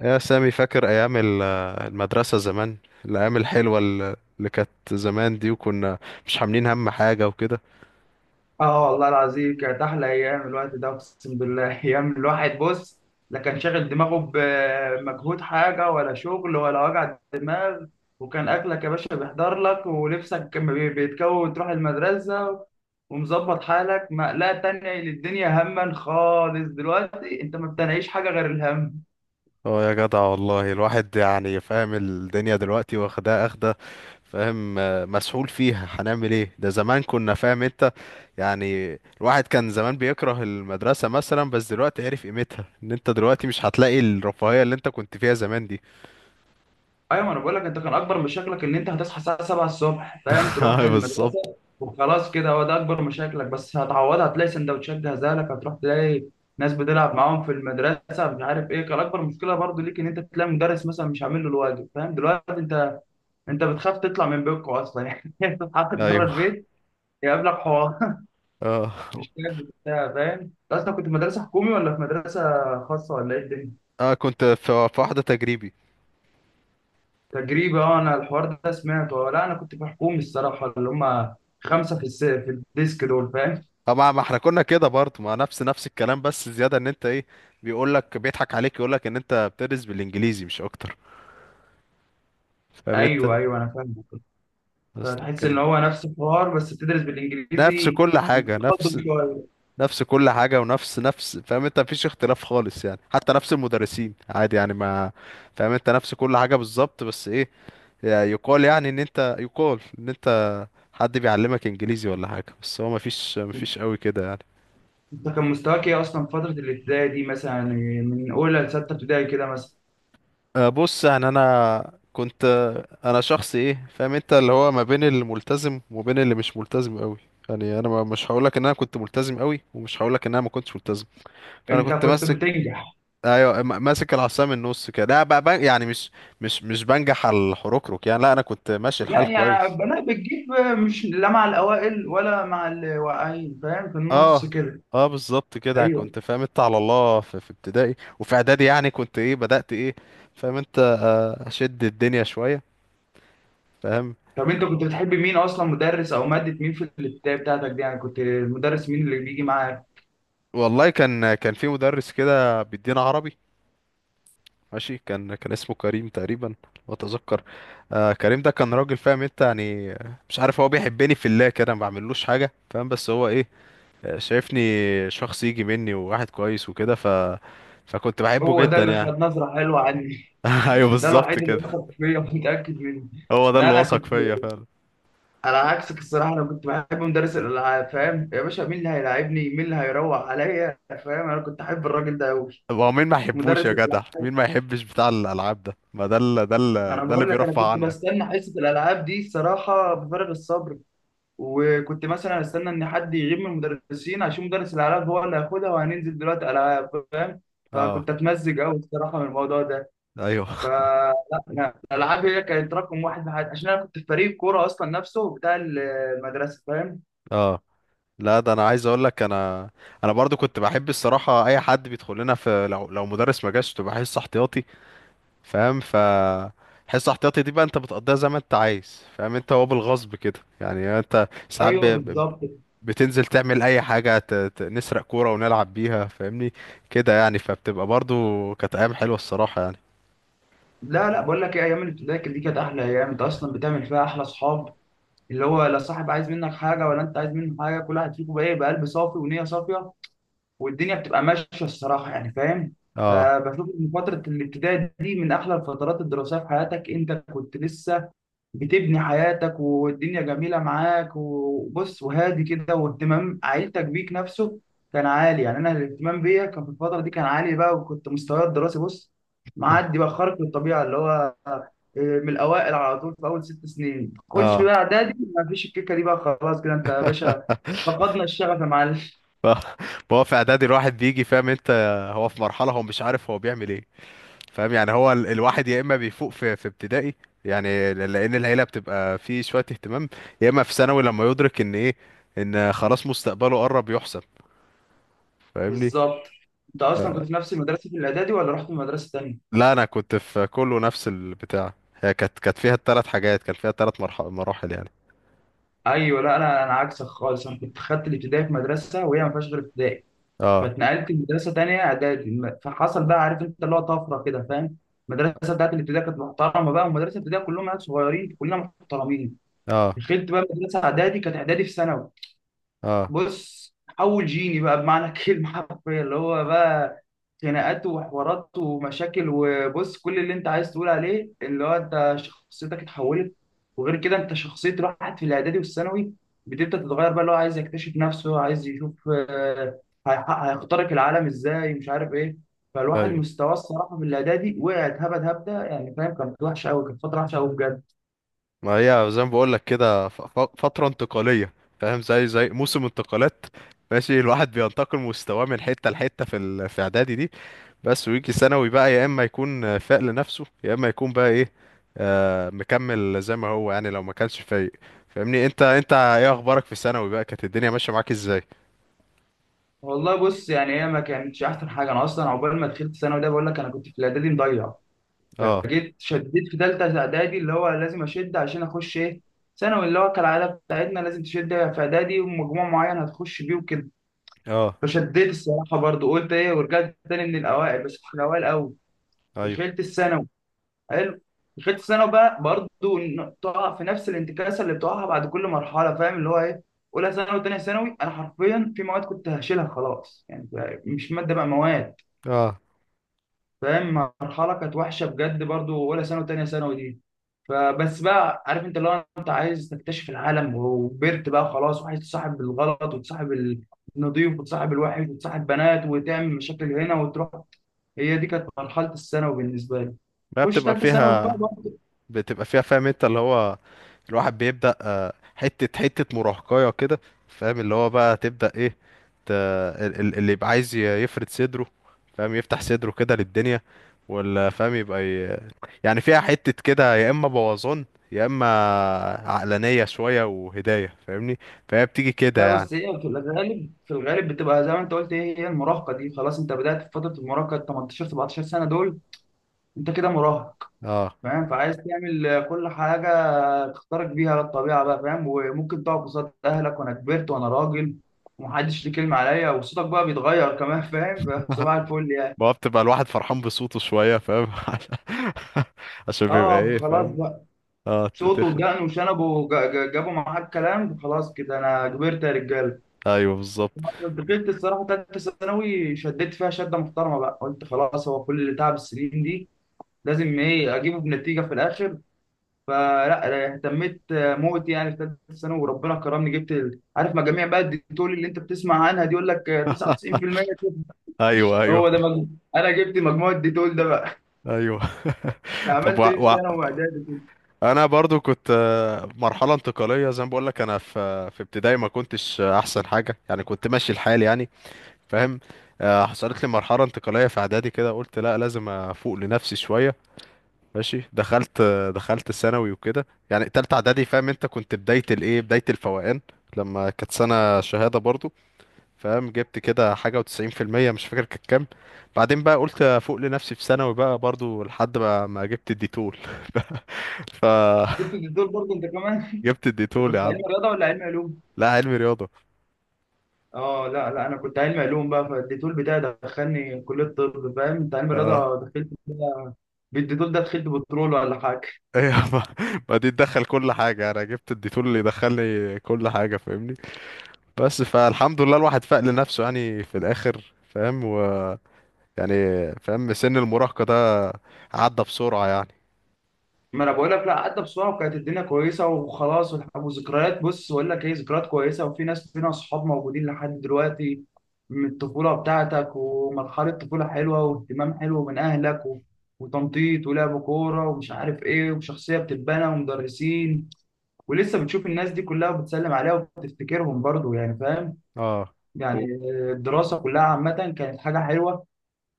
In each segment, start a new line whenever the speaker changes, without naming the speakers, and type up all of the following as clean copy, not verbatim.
يا سامي، فاكر أيام المدرسة زمان، الأيام الحلوة اللي كانت زمان دي، وكنا مش عاملين هم حاجة وكده.
اه والله العظيم كانت احلى ايام الوقت ده، اقسم بالله. ايام الواحد بص، لا كان شاغل دماغه بمجهود حاجه ولا شغل ولا وجع دماغ. وكان اكلك يا باشا بيحضر لك، ولبسك كان بيتكون تروح المدرسه، ومظبط حالك، مقلقه تانية للدنيا هما خالص. دلوقتي انت ما بتنعيش حاجه غير الهم.
اه يا جدع، والله الواحد يعني فاهم الدنيا دلوقتي، واخدها اخدة فاهم، مسحول فيها، هنعمل ايه؟ ده زمان كنا فاهم انت يعني. الواحد كان زمان بيكره المدرسة مثلا، بس دلوقتي عرف قيمتها، ان انت دلوقتي مش هتلاقي الرفاهية اللي انت كنت فيها زمان دي.
ايوه، ما انا بقول لك، انت كان اكبر مشاكلك ان انت هتصحى الساعه 7 الصبح، فاهم، تروح
اه، بالظبط.
المدرسه وخلاص كده، هو ده اكبر مشاكلك، بس هتعوضها هتلاقي سندوتشات جاهزه لك، هتروح تلاقي ناس بتلعب معاهم في المدرسه. مش عارف ايه كان اكبر مشكله برضو ليك، ان انت تلاقي مدرس مثلا مش عامل له الواجب، فاهم دلوقتي انت بتخاف تطلع من بيتكم اصلا. يعني تتحط بره
ايوه.
البيت يقابلك حوار.
اه،
مش كده بتاع، فاهم انت اصلا كنت في مدرسه حكومي ولا في مدرسه خاصه ولا ايه الدنيا؟
اه كنت في واحدة تجريبي.
تجريبي، اه انا الحوار ده سمعته. اه، لا انا كنت في حكومي الصراحه، اللي هم خمسه في في الديسك دول، فاهم.
طب ما احنا كنا كده برضه، ما نفس الكلام، بس زيادة ان انت ايه، بيقول لك، بيضحك عليك، يقول لك ان انت بتدرس بالانجليزي مش اكتر، فاهم انت.
ايوه ايوه انا فاهم.
بس
فتحس ان
لكن.
هو نفس الحوار بس بتدرس
نفس
بالانجليزي،
كل حاجة نفس.
تقدم شويه.
نفس كل حاجة، ونفس نفس فاهم انت، مفيش اختلاف خالص يعني، حتى نفس المدرسين عادي يعني، ما فاهم انت، نفس كل حاجة بالظبط، بس ايه، يعني يقال، يعني ان انت يقال ان انت حد بيعلمك انجليزي ولا حاجة، بس هو مفيش قوي كده يعني.
انت كان مستواك ايه اصلا في فتره الابتدائي دي مثلا، يعني من اولى لسته ابتدائي كده مثلا؟
بص يعني انا كنت، انا شخص ايه فاهم انت، اللي هو ما بين الملتزم وبين اللي مش ملتزم قوي. يعني انا مش هقولك ان انا كنت ملتزم قوي، ومش هقولك ان انا ما كنتش ملتزم. فانا
انت
كنت
كنت
ماسك.
بتنجح؟
ايوه، ماسك العصا من النص كده، لا بقى، يعني مش مش بنجح على الحركرك يعني، لا انا كنت ماشي
لا
الحال
يعني
كويس.
انا بتجيب، مش لا مع الاوائل ولا مع الواقعين، فاهم، في النص
اه.
كده.
اه، بالظبط كده
ايوه.
كنت فاهم انت، على الله في, ابتدائي، وفي اعدادي يعني كنت ايه، بدأت ايه، فاهم انت، اشد الدنيا شوية فاهم.
طب انت كنت بتحب مين اصلا، مدرس او ماده مين في الابتدائي بتاعتك دي؟ يعني كنت مدرس مين اللي بيجي معاك؟
والله كان في مدرس كده بيدينا عربي، ماشي، كان اسمه كريم تقريبا، لو اتذكر. آه، كريم ده كان راجل فاهم انت يعني، مش عارف هو بيحبني في الله كده، ما بعملوش حاجه فاهم، بس هو ايه، شايفني شخص يجي مني وواحد كويس وكده، فكنت بحبه
هو ده
جدا
اللي
يعني.
خد نظره حلوه عني.
ايوه،
ده
بالظبط
الوحيد اللي
كده.
وثق فيا، متاكد منه.
هو ده
لا
اللي
انا
وثق
كنت
فيا فعلا.
على عكسك الصراحه، انا كنت بحب مدرس الالعاب، فاهم يا باشا، مين اللي هيلاعبني، مين اللي هيروح عليا، فاهم، انا كنت احب الراجل ده قوي.
طب هو مين ما يحبوش يا
مدرس
جدع،
الالعاب،
مين ما يحبش بتاع الالعاب ده، ما ده اللي ده اللي
انا
ده اللي
بقول لك انا
بيرفع
كنت
عنك.
بستنى حصه الالعاب دي الصراحه بفارغ الصبر. وكنت مثلا استنى ان حد يغيب من المدرسين عشان مدرس الالعاب هو اللي هياخدها وهننزل دلوقتي العاب، فاهم.
اه.
فكنت اتمزج قوي الصراحه من الموضوع ده.
ايوه.
فلا، أنا الالعاب هي كانت رقم 1 في حياتي، عشان انا كنت في فريق كوره اصلا نفسه بتاع المدرسه، فاهم.
اه. لا، ده انا عايز اقول لك، انا انا برضو كنت بحب الصراحه اي حد بيدخل لنا في، لو مدرس ما جاش تبقى حصه احتياطي فاهم، حصه احتياطي دي بقى انت بتقضيها زي ما انت عايز فاهم انت، هو بالغصب كده يعني، انت ساعات
ايوه بالظبط.
بتنزل تعمل اي حاجه، نسرق كوره ونلعب بيها فاهمني، كده يعني. فبتبقى برضو كانت ايام حلوه الصراحه يعني.
لا لا بقول لك ايه، ايام الابتدائي دي كانت احلى ايام، انت اصلا بتعمل فيها احلى اصحاب، اللي هو لا صاحب عايز منك حاجه ولا انت عايز منه حاجه، كل واحد فيكم بقى يبقى قلب صافي ونيه صافيه، والدنيا بتبقى ماشيه الصراحه يعني، فاهم.
اه.
فبشوف ان فتره الابتدائي دي من احلى الفترات الدراسيه في حياتك، انت كنت لسه بتبني حياتك، والدنيا جميله معاك وبص وهادي كده، واهتمام عيلتك بيك نفسه كان عالي. يعني انا الاهتمام بيا كان في الفتره دي كان عالي بقى، وكنت مستواي الدراسي بص، معدي بقى خارق للطبيعه، اللي هو من الاوائل على طول في اول 6 سنين. خش
اه.
بقى اعدادي، ما فيش الكيكه دي بقى خلاص كده انت يا باشا، فقدنا الشغف يا معلم.
ف... هو في اعدادي الواحد بيجي فاهم انت، هو في مرحله، هو مش عارف هو بيعمل ايه، فاهم يعني، هو الواحد يا اما بيفوق في ابتدائي، يعني لان العيله بتبقى فيه شويه اهتمام، يا اما في ثانوي لما يدرك ان ايه، ان خلاص مستقبله قرب يحسب فاهمني.
بالظبط. انت اصلا كنت في نفس المدرسه في الاعدادي ولا رحت من مدرسه تانيه؟
لا، انا كنت في كله نفس البتاع، هي كانت فيها الثلاث حاجات، كان فيها الثلاث مراحل يعني.
ايوه، لا انا عكسك خالص، انا كنت خدت الابتدائي في مدرسه وهي ما فيهاش غير ابتدائي،
اه.
فاتنقلت لمدرسه تانيه اعدادي فحصل بقى، عارف انت، اللي هو طفره كده، فاهم. المدرسه بتاعت الابتدائي كانت محترمه بقى، ومدرسه الابتدائي كلهم عيال صغيرين، كلنا محترمين.
اه.
دخلت بقى مدرسه اعدادي، كانت اعدادي في ثانوي.
اه.
بص، اول جيني بقى بمعنى الكلمه حرفيا، اللي هو بقى خناقات وحوارات ومشاكل، وبص كل اللي انت عايز تقول عليه، اللي هو انت شخصيتك اتحولت. وغير كده، انت شخصيه راحت في الاعدادي والثانوي بتبدا تتغير بقى، اللي هو عايز يكتشف نفسه، عايز يشوف هيخترق العالم ازاي، مش عارف ايه. فالواحد
ايوه.
مستواه الصراحه في الاعدادي وقع اتهبد هبده، يعني فاهم، كانت وحشه قوي، كانت فتره وحشه قوي بجد.
ما هي زي ما بقول لك كده، فتره انتقاليه فاهم، زي موسم انتقالات، ماشي، الواحد بينتقل مستواه من حته لحته في في اعدادي دي، بس ويجي ثانوي بقى، يا اما يكون فاق لنفسه، يا اما يكون بقى ايه، مكمل زي ما هو يعني، لو ما كانش فايق فاهمني. انت ايه اخبارك في ثانوي بقى، كانت الدنيا ماشيه معاك ازاي؟
والله بص، يعني هي ما كانتش احسن حاجه، انا اصلا عقبال ما دخلت ثانوي ده بقول لك انا كنت في الاعدادي مضيع.
اه.
جيت شديت في ثالثه اعدادي، اللي هو لازم اشد عشان اخش ايه، ثانوي، اللي هو كالعاده بتاعتنا لازم تشد في اعدادي ومجموع معين هتخش بيه وكده.
اه.
فشديت الصراحه، برضو قلت ايه، ورجعت تاني من الاوائل، بس في الاوائل قوي.
ايوه.
دخلت الثانوي. حلو. دخلت الثانوي بقى برضو، تقع في نفس الانتكاسه اللي بتقعها بعد كل مرحله، فاهم، اللي هو ايه، اولى ثانوي وثانيه ثانوي انا حرفيا في مواد كنت هشيلها خلاص، يعني مش ماده بقى، مواد،
اه.
فاهم. مرحله كانت وحشه بجد برضو، اولى ثانوي وثانيه ثانوي دي. فبس بقى، عارف انت، لو انت عايز تكتشف العالم وكبرت بقى خلاص، وعايز تصاحب الغلط وتصاحب النضيف وتصاحب الوحش وتصاحب بنات وتعمل مشاكل هنا وتروح، هي دي كانت مرحلة الثانوي بالنسبة لي.
بقى
خش
بتبقى
ثالثة ثانوي بقى
فيها.
برضه.
بتبقى فيها فاهم انت، اللي هو الواحد بيبدأ، حتة حتة مراهقية كده فاهم، اللي هو بقى تبدأ ايه، اللي يبقى عايز يفرد صدره فاهم، يفتح صدره كده للدنيا، ولا فاهم يبقى يعني فيها حتة كده، يا إما بوظان، يا إما عقلانية شوية وهداية فاهمني. فهي بتيجي كده
لا
يعني.
بس هي في الغالب، في الغالب بتبقى زي ما انت قلت، هي هي المراهقة دي، خلاص انت بدأت في فترة المراهقة، 18 17 سنة دول انت كده مراهق،
اه،
فاهم، فعايز تعمل كل حاجة تختارك بيها للطبيعة بقى، فاهم، وممكن تقعد قصاد أهلك وأنا كبرت وأنا راجل ومحدش ليه كلمة عليا، وصوتك بقى بيتغير كمان، فاهم. فصباح الفل يعني.
بقى بتبقى الواحد فرحان بصوته شوية فاهم، عشان بيبقى
اه
ايه
خلاص
فاهم.
بقى،
اه،
صوته
تتخن.
ودقنه وشنبه جابوا معاك كلام، خلاص كده أنا كبرت يا رجالة.
ايوه بالظبط.
دخلت الصراحة تالتة ثانوي، شديت فيها شدة محترمة بقى، قلت خلاص، هو كل تعب السنين دي لازم إيه أجيبه بنتيجة في الآخر. فلا، اهتميت موت يعني في ثالثه ثانوي، وربنا كرمني جبت عارف مجاميع بقى الديتول اللي انت بتسمع عنها دي، يقول لك 99%،
ايوه،
هو ده
ايوه،
مجموع. انا جبت مجموع الديتول ده بقى.
ايوه. طب،
عملت ايه في
و...
ثانوي واعدادي،
انا برضو كنت، مرحله انتقاليه زي ما بقول لك، انا في في ابتدائي ما كنتش احسن حاجه يعني، كنت ماشي الحال يعني فاهم، حصلت لي مرحله انتقاليه في اعدادي كده، قلت لا لازم افوق لنفسي شويه، ماشي. دخلت ثانوي وكده، يعني تالتة اعدادي فاهم انت، كنت بدايه الايه، بدايه الفوقان، لما كانت سنه شهاده برضو فاهم. جبت كده حاجه و90%، مش فاكر كانت كام. بعدين بقى قلت افوق لنفسي في ثانوي بقى، برضو لحد ما جبت الديتور،
جبت
فجبت.
الديتول برضه انت كمان. أنت
الديتول
كنت
يا عم.
علم رياضه ولا علم علوم؟
لا، علمي رياضة.
اه لا لا، انا كنت علم علوم بقى، فالديتول بتاعي دخلني كليه طب، فاهم انت علم
اه.
رياضه دخلت بالديتول ده، دخلت بترول ولا حاجه.
ايه ما دي تدخل كل حاجة، انا جبت الديتول اللي يدخلني كل حاجة فاهمني. بس فالحمد لله الواحد فاق لنفسه يعني في الاخر فاهم، ويعني فاهم سن المراهقة ده عدى بسرعة يعني.
ما انا بقول لك لا، عدى بسرعه وكانت الدنيا كويسه وخلاص، وذكريات بص، بقول لك ايه، ذكريات كويسه، وفي ناس فينا اصحاب موجودين لحد دلوقتي من الطفوله بتاعتك، ومرحله طفوله حلوه، واهتمام حلو من اهلك و... وتنطيط ولعب كوره ومش عارف ايه، وشخصيه بتتبنى، ومدرسين ولسه بتشوف الناس دي كلها وبتسلم عليها وبتفتكرهم برضو، يعني فاهم،
اه.
يعني
و...
الدراسه كلها عامه كانت حاجه حلوه.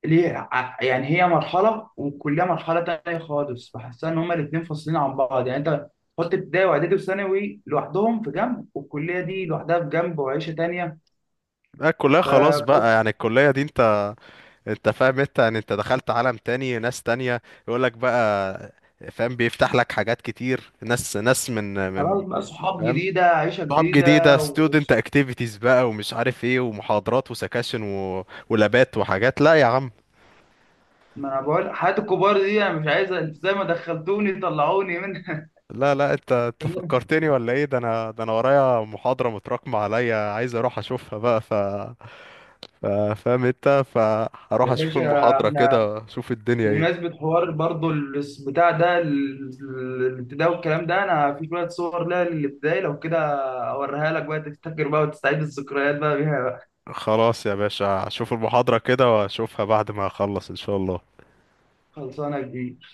ليه يعني هي مرحله، والكليه مرحله تانية خالص، بحسها ان هما الاثنين فاصلين عن بعض، يعني انت حط ابتدائي واعدادي وثانوي لوحدهم في جنب، والكليه دي لوحدها في جنب وعيشه تانية.
لا، الكلية خلاص بقى،
فبجد
يعني الكلية دي انت، انت فاهم انت يعني، انت دخلت عالم تاني، ناس تانية. يقولك بقى، فاهم بيفتح لك حاجات كتير، ناس من
خلاص بقى، صحاب
فاهم،
جديده، عيشه
صعاب جديدة،
جديده و...
student activities بقى ومش عارف ايه، ومحاضرات وسكاشن ولابات وحاجات، لا يا عم.
ما انا بقول حياه الكبار دي انا مش عايز، انت زي ما دخلتوني طلعوني منها.
لا لا، انت فكرتني ولا ايه، ده انا، ورايا محاضرة متراكمة عليا، عايز اروح اشوفها بقى، ف... فاهم انت، فهروح
يا
اشوف
باشا
المحاضرة
احنا،
كده، اشوف الدنيا ايه.
بمناسبة حوار برضو بتاع ده، الابتداء والكلام ده، انا في شوية صور لها للابتدائي، لو كده اوريها لك بقى تفتكر بقى وتستعيد الذكريات بقى بيها بقى.
خلاص يا باشا، اشوف المحاضرة كده واشوفها بعد ما اخلص ان شاء الله.
خلصانة يا كبير.